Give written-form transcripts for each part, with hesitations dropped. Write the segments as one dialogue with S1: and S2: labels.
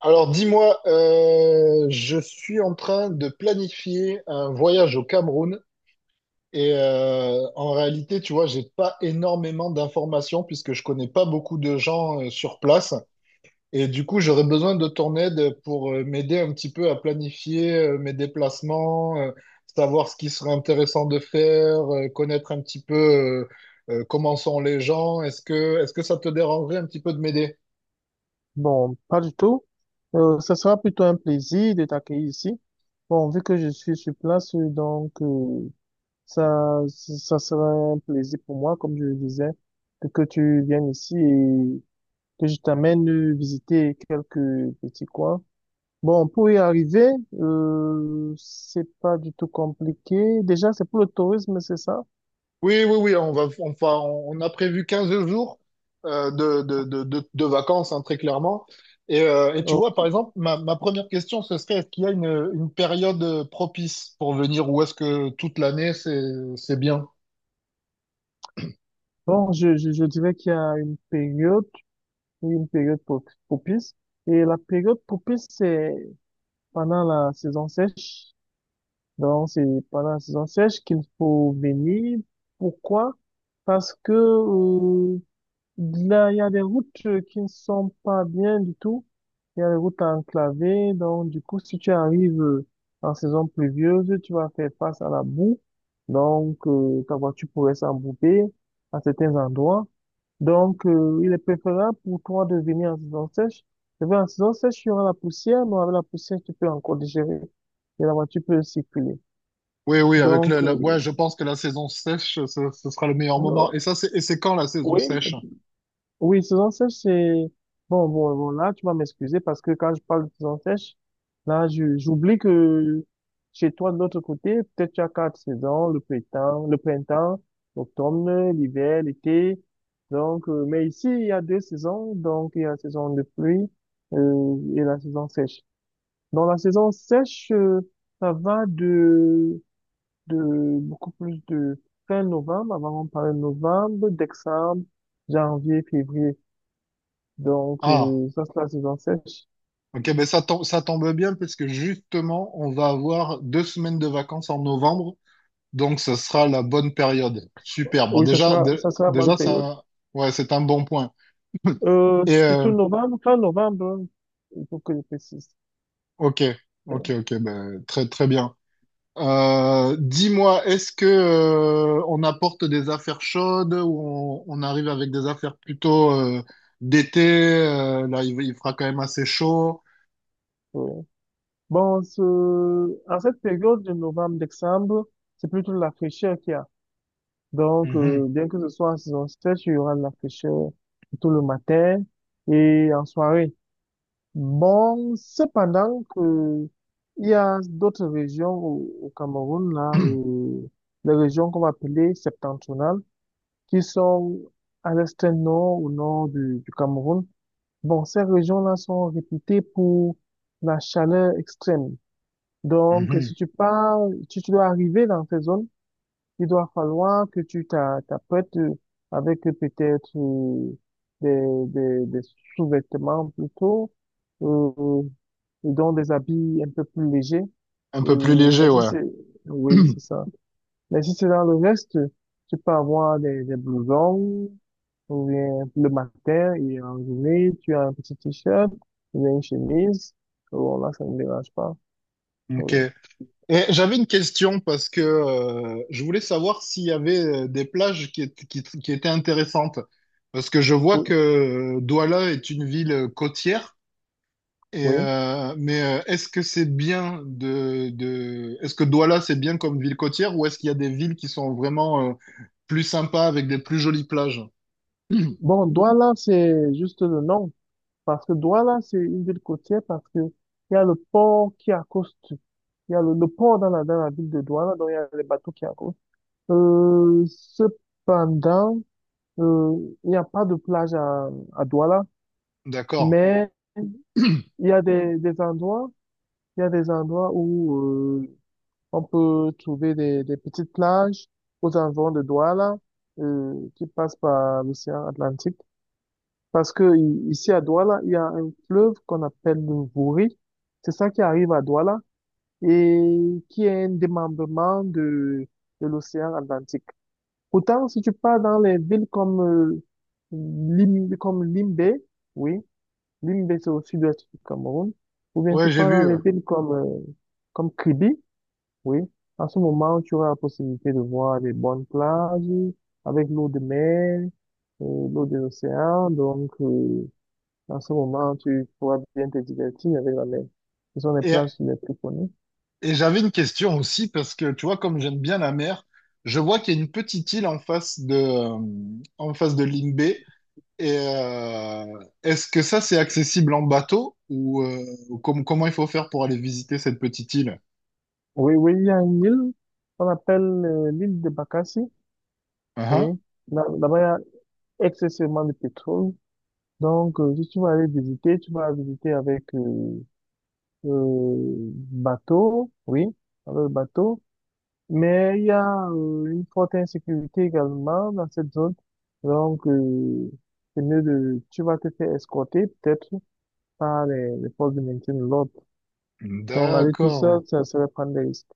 S1: Alors dis-moi, je suis en train de planifier un voyage au Cameroun et en réalité, tu vois, j'ai pas énormément d'informations puisque je connais pas beaucoup de gens sur place et du coup, j'aurais besoin de ton aide pour m'aider un petit peu à planifier mes déplacements, savoir ce qui serait intéressant de faire, connaître un petit peu comment sont les gens. Est-ce que ça te dérangerait un petit peu de m'aider?
S2: Bon, pas du tout. Ça sera plutôt un plaisir de t'accueillir ici. Bon, vu que je suis sur place, donc ça sera un plaisir pour moi, comme je le disais, que tu viennes ici et que je t'amène visiter quelques petits coins. Bon, pour y arriver, c'est pas du tout compliqué. Déjà, c'est pour le tourisme, c'est ça?
S1: Oui, oui, oui, on a prévu 15 jours de vacances, hein, très clairement. Et tu
S2: Oh,
S1: vois, par exemple, ma première question, ce serait, est-ce qu'il y a une période propice pour venir, ou est-ce que toute l'année, c'est bien?
S2: bon, je dirais qu'il y a une période propice. Et la période propice, c'est pendant la saison sèche. Donc, c'est pendant la saison sèche qu'il faut venir. Pourquoi? Parce que, là, il y a des routes qui ne sont pas bien du tout. Il y a des routes enclavées. Donc, du coup, si tu arrives en saison pluvieuse, tu vas faire face à la boue. Donc, ta voiture pourrait s'embourber à certains endroits. Donc, il est préférable pour toi de venir en saison sèche. Et bien, en saison sèche, il y aura la poussière, mais avec la poussière, tu peux encore digérer et la voiture peut circuler.
S1: Oui, oui, avec
S2: Donc,
S1: ouais, je pense que la saison sèche, ce sera le meilleur moment.
S2: euh,
S1: Et ça, c'est, et c'est quand la saison
S2: oui,
S1: sèche?
S2: oui, saison sèche, c'est. Bon, bon, bon, là, tu vas m'excuser parce que quand je parle de saison sèche, là, j'oublie que chez toi, de l'autre côté, peut-être tu as quatre saisons, le printemps, l'automne, l'hiver, l'été. Donc, mais ici, il y a deux saisons. Donc, il y a la saison de pluie, et la saison sèche. Dans la saison sèche, ça va de beaucoup plus de fin novembre, avant on parle de novembre, décembre, janvier, février. Donc,
S1: Ah,
S2: ça sera la saison sèche.
S1: ok, ben ça tombe bien parce que justement, on va avoir 2 semaines de vacances en novembre. Donc, ce sera la bonne période. Super. Bon,
S2: Oui, ça sera la bonne
S1: déjà, c'est
S2: période.
S1: un, ouais, c'est un bon point. Et,
S2: Surtout novembre, fin novembre, il faut que je précise.
S1: ok, ok, ok, ben, très, très bien. Dis-moi, est-ce que, on apporte des affaires chaudes, ou on arrive avec des affaires plutôt, d'été? Là, il fera quand même assez chaud.
S2: Oui. Bon, en cette période de novembre, décembre, c'est plutôt la fraîcheur qu'il y a. Donc,
S1: Mhm.
S2: bien que ce soit en saison sèche, il y aura de la fraîcheur tout le matin et en soirée. Bon, cependant que il y a d'autres régions au Cameroun, là, les régions qu'on va appeler septentrionales, qui sont à l'est nord au nord du Cameroun. Bon, ces régions-là sont réputées pour la chaleur extrême. Donc, si
S1: Mhm.
S2: tu pars, si tu dois arriver dans ces zones, il doit falloir que tu t'apprêtes avec peut-être des sous-vêtements plutôt, euh, et donc des habits un peu plus légers.
S1: Un peu plus léger,
S2: Mais si
S1: ouais.
S2: c'est, Oui, c'est ça. Mais si c'est dans le reste, tu peux avoir des blousons, ou bien le matin et en journée, tu as un petit t-shirt, ou bien une chemise. Bon, là, ça ne me dérange pas.
S1: Ok.
S2: Oui.
S1: Et j'avais une question parce que je voulais savoir s'il y avait des plages qui, qui étaient intéressantes. Parce que je vois que
S2: Oui.
S1: Douala est une ville côtière. Et,
S2: Oui.
S1: mais est-ce que c'est bien de... Est-ce que Douala, c'est bien comme ville côtière, ou est-ce qu'il y a des villes qui sont vraiment plus sympas, avec des plus jolies plages?
S2: Bon, Douala, c'est juste le nom. Parce que Douala, c'est une ville côtière parce que il y a le port qui accoste. Il y a le port dans dans la ville de Douala, donc il y a les bateaux qui accostent. Cependant, euh, il n'y a pas de plage à Douala,
S1: D'accord.
S2: mais il y a des endroits, il y a des endroits où euh, on peut trouver des petites plages aux environs de Douala qui passent par l'océan Atlantique. Parce que ici à Douala, il y a un fleuve qu'on appelle le Wouri. C'est ça qui arrive à Douala et qui est un démembrement de l'océan Atlantique. Pourtant, si tu pars dans les villes comme, comme Limbé, oui, Limbé c'est au sud-ouest du Cameroun, ou bien
S1: Ouais,
S2: tu
S1: j'ai
S2: pars dans
S1: vu.
S2: les villes comme, comme Kribi, oui, à ce moment, tu auras la possibilité de voir les bonnes plages avec l'eau de mer, l'eau de l'océan. Donc, à ce moment, tu pourras bien te divertir avec la mer. Ce sont les
S1: Et,
S2: plages les plus connues.
S1: Et j'avais une question aussi, parce que tu vois, comme j'aime bien la mer, je vois qu'il y a une petite île en face de Limbé. Et est-ce que ça, c'est accessible en bateau, ou comment il faut faire pour aller visiter cette petite île?
S2: Oui, oui, il y a une île qu'on appelle l'île de Bakassi.
S1: Ah,
S2: Oui,
S1: ah.
S2: Là-bas, il y a excessivement de pétrole. Donc, si tu vas aller visiter, tu vas visiter avec bateau. Oui, avec le bateau. Mais il y a une forte insécurité également dans cette zone. Donc, c'est mieux de, tu vas te faire escorter peut-être par les forces de maintien de l'ordre. Donc, aller tout seul,
S1: D'accord.
S2: ça serait prendre des risques.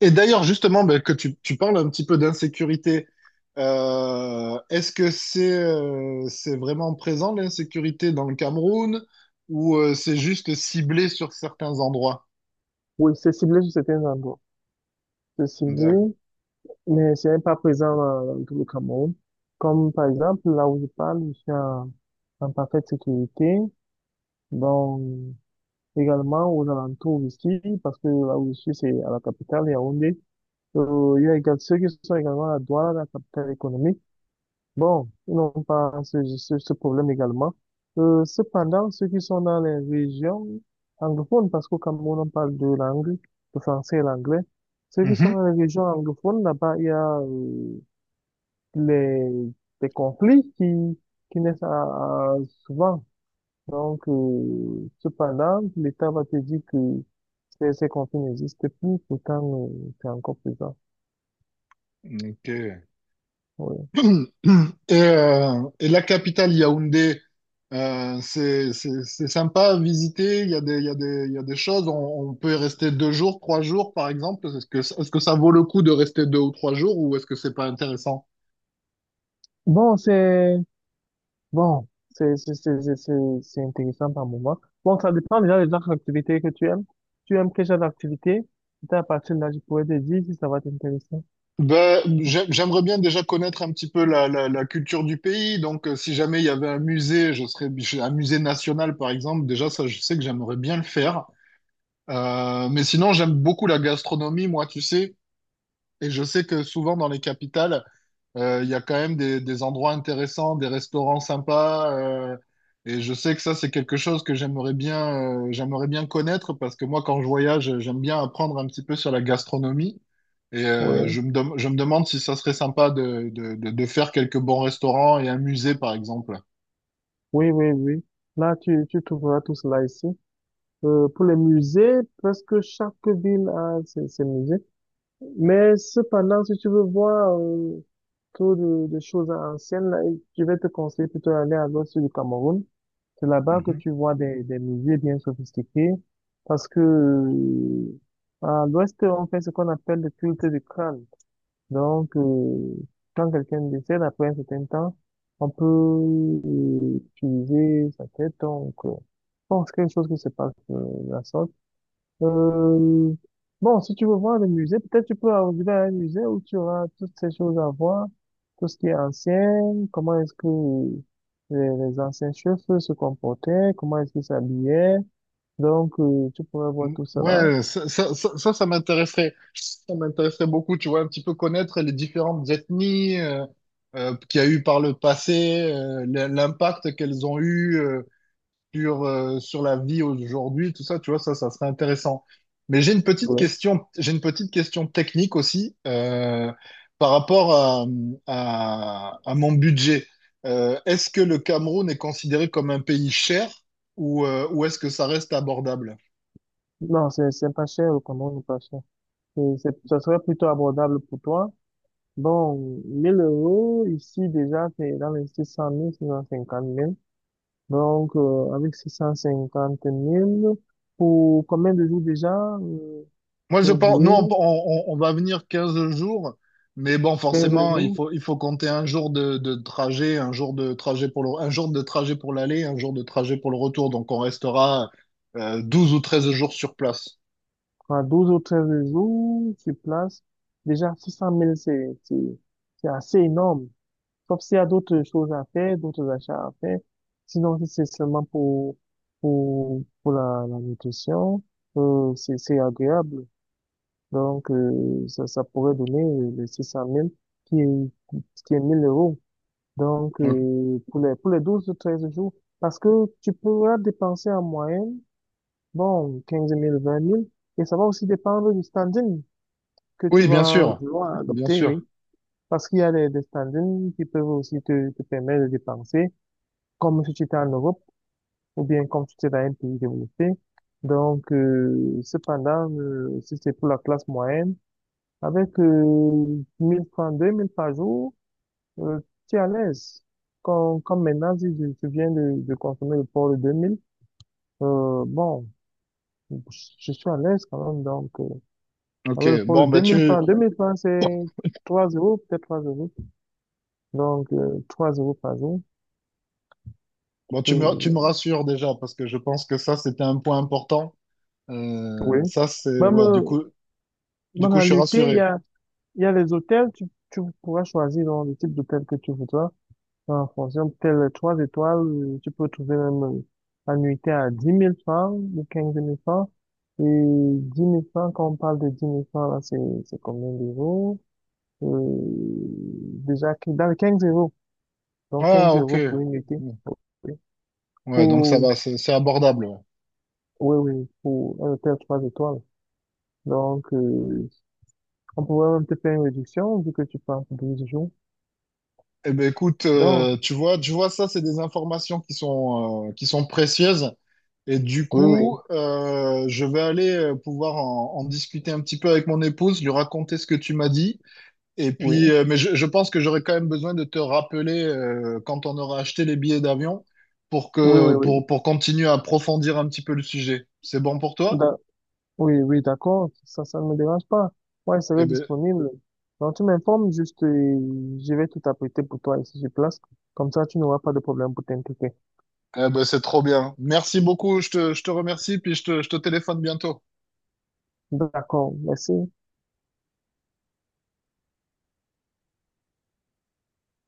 S1: Et d'ailleurs, justement, ben, que tu parles un petit peu d'insécurité, est-ce que c'est vraiment présent, l'insécurité dans le Cameroun, ou c'est juste ciblé sur certains endroits?
S2: Oui, c'est ciblé sur certains endroits. C'est ciblé, mais ce n'est pas présent dans tout le Cameroun. Comme par exemple, là où je parle, je suis en parfaite sécurité. Donc, également aux alentours ici, parce que là où je suis, c'est à la capitale, Yaoundé. Il y a également ceux qui sont également à Douala, la capitale économique. Bon, ils n'ont pas ce problème également. Cependant, ceux qui sont dans les régions anglophones, parce qu'au Cameroun, on parle deux langues, le français et l'anglais. Ceux qui sont
S1: Mhm.
S2: dans les régions anglophones, là-bas, il y a les, des conflits qui naissent souvent. Donc, cependant, l'État va te dire que ces conflits n'existent plus, pourtant, c'est encore présent.
S1: Ok.
S2: Oui.
S1: Et la capitale Yaoundé, c'est sympa à visiter. Il y a des, il y a des, il y a des choses. On peut y rester deux jours, trois jours, par exemple. Est-ce que ça vaut le coup de rester deux ou trois jours, ou est-ce que c'est pas intéressant?
S2: Bon, bon, c'est c'est c'est c'est c'est- c'est intéressant par moment. Bon, ça dépend déjà des autres activités que tu aimes. Tu aimes quel genre d'activité? C'est à partir de là, je pourrais te dire si ça va t'intéresser.
S1: Ben, j'aimerais bien déjà connaître un petit peu la culture du pays. Donc, si jamais il y avait un musée, un musée national, par exemple. Déjà, ça, je sais que j'aimerais bien le faire. Mais sinon, j'aime beaucoup la gastronomie, moi, tu sais. Et je sais que souvent dans les capitales, il y a quand même des endroits intéressants, des restaurants sympas. Et je sais que ça, c'est quelque chose que j'aimerais bien connaître, parce que moi, quand je voyage, j'aime bien apprendre un petit peu sur la gastronomie. Et
S2: Oui,
S1: je me demande si ça serait sympa de faire quelques bons restaurants et un musée, par exemple.
S2: oui, oui, oui. Là, tu trouveras tout cela ici. Pour les musées, presque chaque ville a ses musées. Mais cependant, si tu veux voir trop de choses anciennes, là, je vais te conseiller plutôt d'aller à l'ouest du Cameroun. C'est là-bas que tu vois des musées bien sophistiqués. Parce que à l'ouest, on fait ce qu'on appelle le culte du crâne. Donc, quand quelqu'un décède après un certain temps, on peut utiliser sa tête. Donc, bon, c'est quelque chose qui se passe de la sorte. Euh, bon, si tu veux voir le musée, peut-être tu peux arriver à un musée où tu auras toutes ces choses à voir, tout ce qui est ancien, comment est-ce que les anciens chefs se comportaient, comment est-ce qu'ils s'habillaient. Donc, tu pourrais voir tout cela.
S1: Ouais, ça m'intéresserait. Ça m'intéresserait beaucoup, tu vois, un petit peu connaître les différentes ethnies qu'il y a eu par le passé, l'impact qu'elles ont eu sur, sur la vie aujourd'hui, tout ça, tu vois, ça serait intéressant. Mais j'ai une petite
S2: Ouais.
S1: question, j'ai une petite question technique aussi par rapport à, à mon budget. Est-ce que le Cameroun est considéré comme un pays cher, ou est-ce que ça reste abordable?
S2: Non, c'est pas cher, comment nous pas cher. Ça serait plutôt abordable pour toi. Bon, 1000 euros, ici déjà, c'est dans les 600 000, 650 000. Donc, avec 650 000, pour combien de jours déjà? Euh,
S1: Moi,
S2: J'ai
S1: je pense, nous,
S2: oublié.
S1: on va venir 15 jours, mais bon,
S2: quinze
S1: forcément,
S2: jours,
S1: il faut compter un jour de trajet, un jour de trajet pour le, un jour de trajet pour l'aller, un jour de trajet pour le retour. Donc, on restera 12 ou 13 jours sur place.
S2: enfin, 12 ou 13 jours sur place. Déjà, 600 000, c'est assez énorme. Sauf s'il y a d'autres choses à faire, d'autres achats à faire. Sinon, si c'est seulement pour la nutrition, c'est agréable. Donc, ça pourrait donner les 600 000, qui est, qui est 1000 euros. Donc,
S1: Donc,
S2: pour les 12 ou 13 jours, parce que tu pourras dépenser en moyenne, bon, 15 000 20 000 et ça va aussi dépendre du standing que tu
S1: oui, bien
S2: vas
S1: sûr.
S2: vouloir
S1: Bien
S2: adopter,
S1: sûr.
S2: oui. Parce qu'il y a des standings qui peuvent aussi te permettre de dépenser, comme si tu étais en Europe, ou bien comme si tu étais dans un pays développé. Donc, cependant, si c'est pour la classe moyenne, avec 1000 francs, 2000 francs par jour. Euh, Tu es à l'aise. Comme maintenant, si tu viens de consommer le port de 2000, bon, je je suis à l'aise quand même. Donc, avec le
S1: OK.
S2: port de
S1: Bon, bah,
S2: 2000 francs, c'est 3 euros, peut-être 3 euros. Donc, 3 € par jour.
S1: bon, tu me
S2: Euh,
S1: rassures déjà, parce que je pense que ça, c'était un point important.
S2: oui.
S1: Ça, c'est,
S2: Même,
S1: ouais,
S2: même
S1: du
S2: en
S1: coup, je suis
S2: réalité, il y
S1: rassuré.
S2: a, il y a les hôtels, tu pourras choisir donc, le type d'hôtel que tu voudras. En fonction de telle trois étoiles, tu peux trouver même la nuitée à 10 000 francs ou 15 000 francs. Et 10 000 francs, quand on parle de 10 000 francs, là, c'est combien d'euros? Euh, Déjà, dans les 15 euros. Donc,
S1: Ah,
S2: 15 €
S1: OK.
S2: pour une nuitée.
S1: Bon.
S2: Oui.
S1: Ouais, donc ça
S2: Pour,
S1: va, c'est abordable. Ouais.
S2: oui, oui, pour un hôtel trois étoiles. Donc, on pourrait même te faire une réduction vu que tu pars pour 12 jours.
S1: Eh ben écoute,
S2: Donc,
S1: tu vois, ça, c'est des informations qui sont précieuses. Et du
S2: oui,
S1: coup,
S2: oui,
S1: je vais aller pouvoir en, en discuter un petit peu avec mon épouse, lui raconter ce que tu m'as dit. Et
S2: oui,
S1: puis, mais je pense que j'aurai quand même besoin de te rappeler quand on aura acheté les billets d'avion, pour
S2: oui,
S1: que
S2: oui,
S1: pour continuer à approfondir un petit peu le sujet. C'est bon pour toi?
S2: oui. Oui, oui, d'accord, ça ne me dérange pas. Moi, je serai
S1: Eh ben,
S2: disponible. Donc, tu m'informes juste, je vais tout apprêter pour toi ici sur place. Comme ça, tu n'auras pas de problème pour t'impliquer.
S1: eh ben, c'est trop bien. Merci beaucoup. Je te remercie, puis je te téléphone bientôt.
S2: D'accord, merci.